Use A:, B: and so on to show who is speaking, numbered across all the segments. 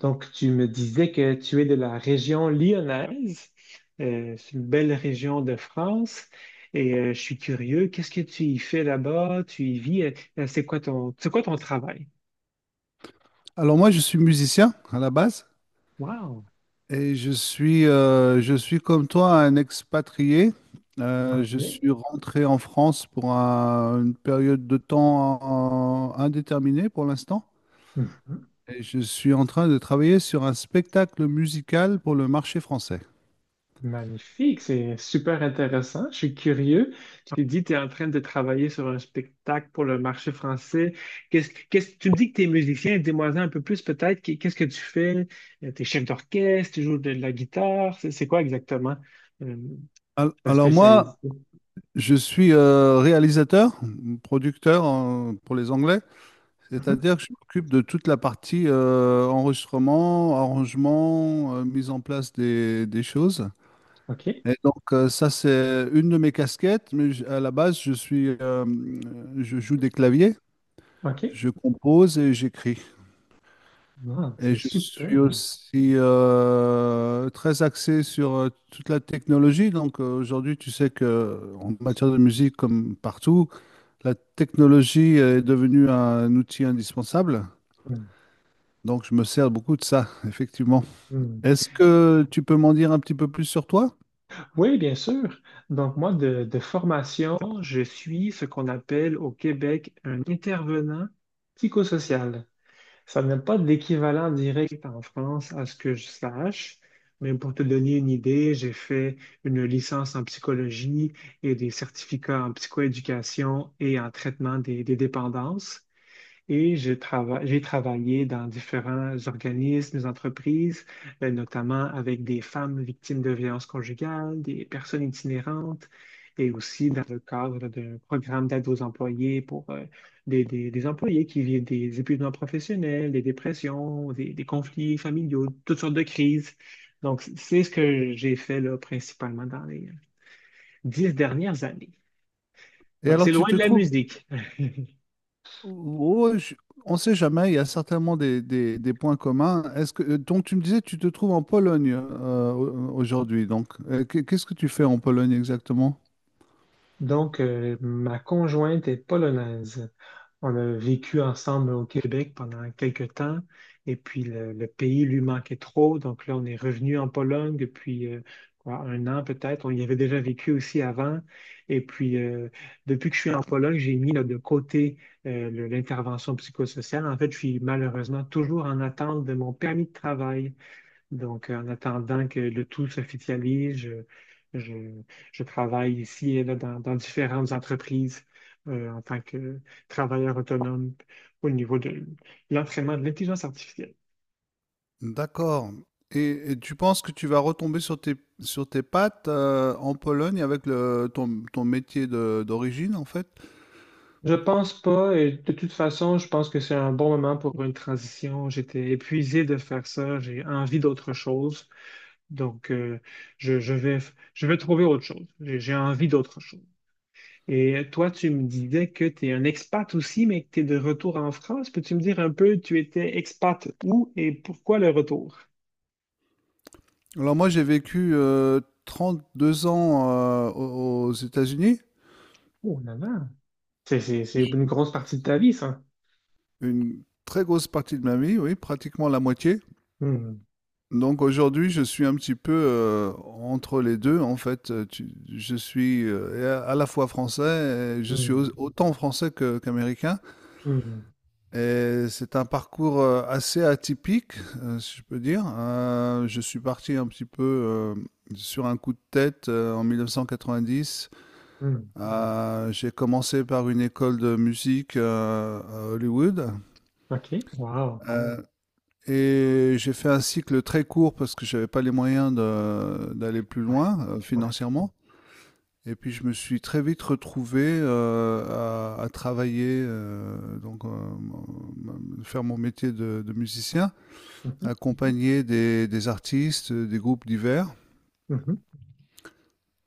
A: Donc, tu me disais que tu es de la région lyonnaise. C'est une belle région de France. Et je suis curieux, qu'est-ce que tu y fais là-bas? Tu y vis? C'est quoi ton travail?
B: Alors moi, je suis musicien à la base
A: Wow!
B: et je suis comme toi un expatrié. Je
A: OK.
B: suis rentré en France pour une période de temps indéterminée pour l'instant,
A: Mhm.
B: et je suis en train de travailler sur un spectacle musical pour le marché français.
A: Magnifique, c'est super intéressant. Je suis curieux. Tu te dis que tu es en train de travailler sur un spectacle pour le marché français. Tu me dis que tu es musicien, dis-moi un peu plus peut-être. Qu'est-ce que tu fais? T'es chef d'orchestre, tu joues de la guitare. C'est quoi exactement euh,
B: Al-
A: ta
B: Alors
A: spécialité?
B: moi, je suis réalisateur, producteur pour les Anglais.
A: Mhm.
B: C'est-à-dire que je m'occupe de toute la partie enregistrement, arrangement, mise en place des choses.
A: OK,
B: Et donc ça, c'est une de mes casquettes, mais à la base, je joue des claviers,
A: OK.
B: je compose et j'écris.
A: Wow,
B: Et
A: c'est
B: je
A: super.
B: suis aussi très axé sur toute la technologie. Donc aujourd'hui, tu sais que en matière de musique, comme partout, la technologie est devenue un outil indispensable.
A: Mm.
B: Donc je me sers beaucoup de ça, effectivement.
A: Mm.
B: Est-ce que tu peux m'en dire un petit peu plus sur toi?
A: Oui, bien sûr. Donc, moi, de formation, je suis ce qu'on appelle au Québec un intervenant psychosocial. Ça n'a pas d'équivalent direct en France, à ce que je sache, mais pour te donner une idée, j'ai fait une licence en psychologie et des certificats en psychoéducation et en traitement des dépendances. J'ai travaillé dans différents organismes, entreprises, notamment avec des femmes victimes de violences conjugales, des personnes itinérantes, et aussi dans le cadre d'un programme d'aide aux employés pour des, des employés qui vivent des épuisements professionnels, des dépressions, des conflits familiaux, toutes sortes de crises. Donc, c'est ce que j'ai fait là, principalement dans les 10 dernières années.
B: Et
A: Ouais,
B: alors
A: c'est
B: tu
A: loin
B: te
A: de la
B: trouves.
A: musique.
B: Oh, on ne sait jamais, il y a certainement des points communs. Donc tu me disais, tu te trouves en Pologne aujourd'hui. Donc qu'est-ce que tu fais en Pologne exactement?
A: Donc, ma conjointe est polonaise. On a vécu ensemble au Québec pendant quelques temps, et puis le pays lui manquait trop. Donc là, on est revenu en Pologne depuis quoi, 1 an peut-être. On y avait déjà vécu aussi avant. Et puis, depuis que je suis en Pologne, j'ai mis là, de côté l'intervention psychosociale. En fait, je suis malheureusement toujours en attente de mon permis de travail. Donc, en attendant que le tout s'officialise, je, je travaille ici et là dans différentes entreprises en tant que travailleur autonome au niveau de l'entraînement de l'intelligence artificielle.
B: D'accord. Et tu penses que tu vas retomber sur tes pattes en Pologne avec ton métier d'origine, en fait?
A: Je pense pas, et de toute façon, je pense que c'est un bon moment pour une transition. J'étais épuisé de faire ça, j'ai envie d'autre chose. Donc, je, je vais, je vais trouver autre chose. J'ai envie d'autre chose. Et toi, tu me disais que tu es un expat aussi, mais que tu es de retour en France. Peux-tu me dire un peu, tu étais expat où et pourquoi le retour?
B: Alors moi, j'ai vécu 2 ans aux États-Unis,
A: Oh là là, c'est une grosse partie de ta vie, ça.
B: une très grosse partie de ma vie, oui, pratiquement la moitié.
A: Hmm,
B: Donc aujourd'hui, je suis un petit peu entre les deux. En fait, je suis à la fois français, et je suis
A: hmm,
B: autant français qu'américain.
A: hmm,
B: Et c'est un parcours assez atypique, si je peux dire. Je suis parti un petit peu sur un coup de tête en 1990.
A: hmm.
B: J'ai commencé par une école de musique à Hollywood
A: OK, wow.
B: euh, et j'ai fait un cycle très court parce que j'avais pas les moyens d'aller plus
A: Ouais,
B: loin
A: ouais.
B: financièrement. Et puis je me suis très vite retrouvé à travailler, donc faire mon métier de musicien,
A: Mhm,
B: accompagner des artistes, des groupes divers.
A: mhm,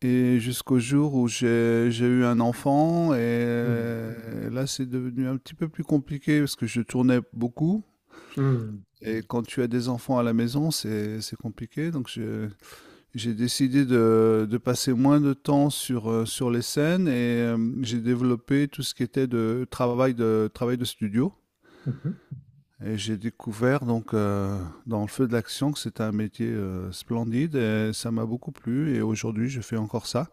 B: Et jusqu'au jour où j'ai eu un enfant, et là c'est devenu un petit peu plus compliqué parce que je tournais beaucoup.
A: hmm,
B: Et quand tu as des enfants à la maison, c'est compliqué. Donc j'ai décidé de passer moins de temps sur les scènes et j'ai développé tout ce qui était de travail de, studio.
A: hmm, mhm,
B: Et j'ai découvert donc dans le feu de l'action que c'était un métier splendide, et ça m'a beaucoup plu, et aujourd'hui je fais encore ça.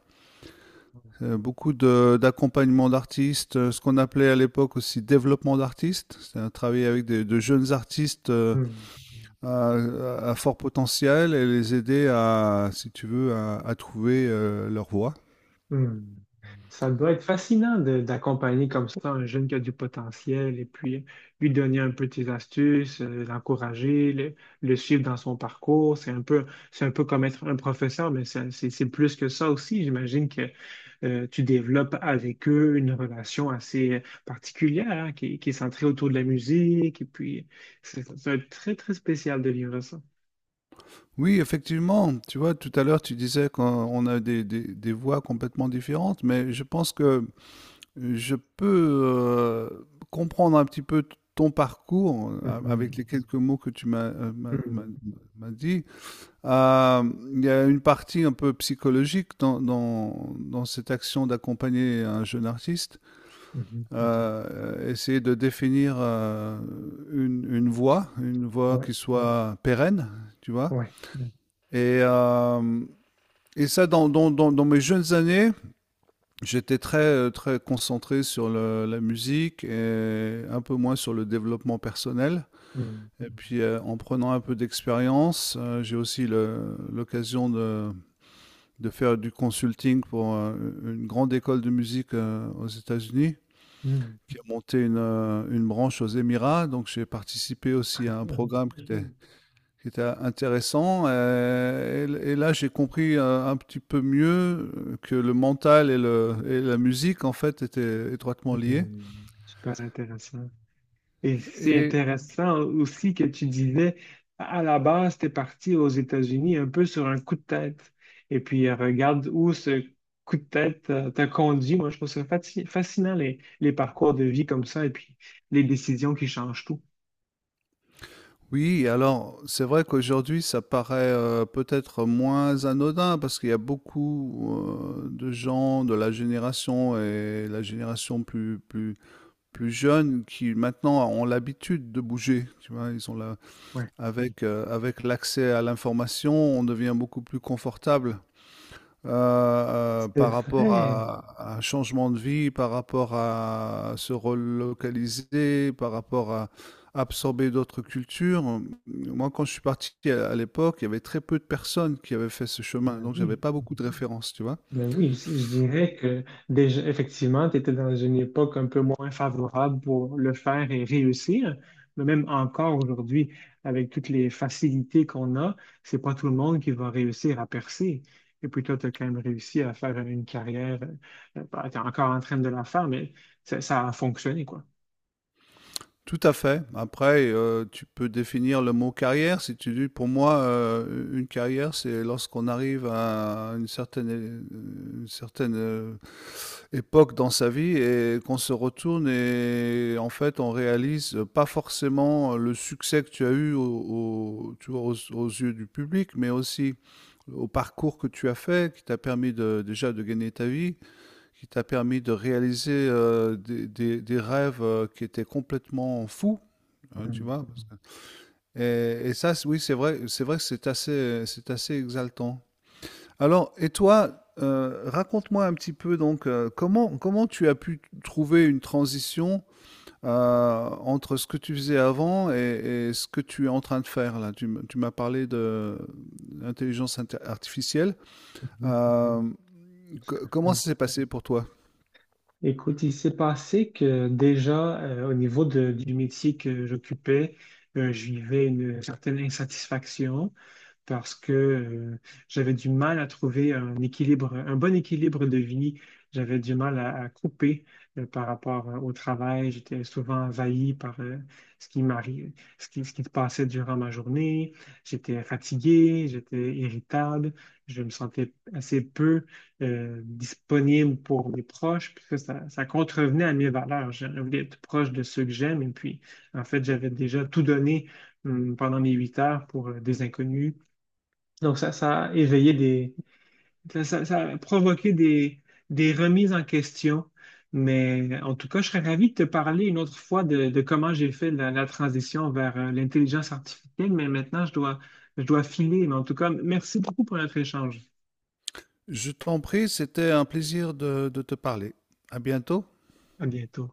B: Beaucoup d'accompagnement d'artistes, ce qu'on appelait à l'époque aussi développement d'artistes, c'est-à-dire travailler avec de jeunes artistes
A: hmm.
B: à fort potentiel et les aider à, si tu veux, à trouver leur voie.
A: Hmm. Ça doit être fascinant d'accompagner comme ça un jeune qui a du potentiel et puis lui donner un peu tes astuces, l'encourager, le suivre dans son parcours. C'est un peu comme être un professeur, mais c'est plus que ça aussi. J'imagine que tu développes avec eux une relation assez particulière hein, qui est centrée autour de la musique. Et puis, c'est ça doit être très, très spécial de vivre ça.
B: Oui, effectivement. Tu vois, tout à l'heure, tu disais qu'on on a des voix complètement différentes, mais je pense que je peux, comprendre un petit peu t ton parcours, a
A: Mhm.
B: avec les quelques mots que tu m'as, heu, m'as m'as
A: Mhm.
B: m'as dit. Il y a une partie un peu psychologique dans cette action d'accompagner un jeune artiste.
A: Mhm.
B: Mmh mh. Essayer de définir, une voie, une voie,
A: Ouais,
B: qui soit pérenne, tu vois?
A: ouais.
B: Mmh. Et hem et ça, dans mes jeunes années, j'étais très, très concentré sur la musique et un peu moins sur le développement personnel.
A: Mhm.
B: Et puis, en prenant un peu d'expérience, j'ai aussi l'occasion de faire du consulting pour une grande école de musique aux États-Unis
A: Mhm.
B: qui a monté une branche aux Émirats. Donc, j'ai participé aussi à un programme qui était qui était intéressant. Et là, j'ai compris un petit peu mieux que le mental et la musique, en fait, étaient étroitement liés.
A: Hmm, super intéressant. Et c'est
B: Et
A: intéressant aussi que tu disais, à la base, tu es parti aux États-Unis un peu sur un coup de tête. Et puis, regarde où ce coup de tête t'a conduit. Moi, je trouve ça fascinant, les parcours de vie comme ça et puis les décisions qui changent tout.
B: oui, alors, c'est vrai qu'aujourd'hui, ça paraît peut-être moins anodin parce qu'il y a beaucoup de gens de la génération et la génération plus jeune qui maintenant ont l'habitude de bouger. Tu vois, ils ont la,
A: Ouais.
B: avec l'accès à l'information, on devient beaucoup plus confortable
A: C'est
B: par rapport
A: vrai.
B: à un changement de vie, par rapport à se relocaliser, par rapport à absorber d'autres cultures. Moi, quand je suis parti à l'époque, il y avait très peu de personnes qui avaient fait ce chemin,
A: Ben
B: donc j'avais
A: oui.
B: pas beaucoup de références, tu vois.
A: Ben oui, je dirais que déjà, effectivement, tu étais dans une époque un peu moins favorable pour le faire et réussir. Mais même encore aujourd'hui, avec toutes les facilités qu'on a, c'est pas tout le monde qui va réussir à percer. Et puis toi, tu as quand même réussi à faire une carrière. Tu es encore en train de la faire, mais ça a fonctionné, quoi.
B: Tout à fait. Après, tu peux définir le mot carrière. Si tu dis, pour moi, une carrière, c'est lorsqu'on arrive à une certaine, époque dans sa vie et qu'on se retourne et en fait on réalise pas forcément le succès que tu as eu tu vois, aux yeux du public, mais aussi au parcours que tu as fait, qui t'a permis déjà de gagner ta vie, qui t'a permis de réaliser des rêves qui étaient complètement fous, hein, tu
A: Mm.
B: vois. Et ça, oui, c'est vrai que c'est assez exaltant. Alors, et toi, raconte-moi un petit peu donc comment tu as pu trouver une transition euh, entre ce que tu faisais avant et ce que tu es en train de faire là. Tu m'as parlé de l'intelligence artificielle.
A: Mhm.
B: Euh, Comment
A: Euh,
B: ça s'est passé pour toi?
A: Écoute, il s'est passé que déjà, au niveau du métier que j'occupais, je vivais une certaine insatisfaction. Parce que j'avais du mal à trouver un équilibre, un bon équilibre de vie. J'avais du mal à couper par rapport au travail. J'étais souvent envahi par ce qui m'arrive, ce qui se passait durant ma journée. J'étais fatigué, j'étais irritable, je me sentais assez peu disponible pour mes proches. Puis ça contrevenait à mes valeurs. Je voulais être proche de ceux que j'aime. Et puis, en fait, j'avais déjà tout donné pendant mes 8 heures pour des inconnus donc, ça a éveillé des. Ça a provoqué des remises en question. Mais en tout cas, je serais ravi de te parler une autre fois de comment j'ai fait la transition vers l'intelligence artificielle. Mais maintenant, je dois filer. Mais en tout cas, merci beaucoup pour notre échange.
B: Je t'en prie, c'était un plaisir de te parler. À bientôt.
A: À bientôt.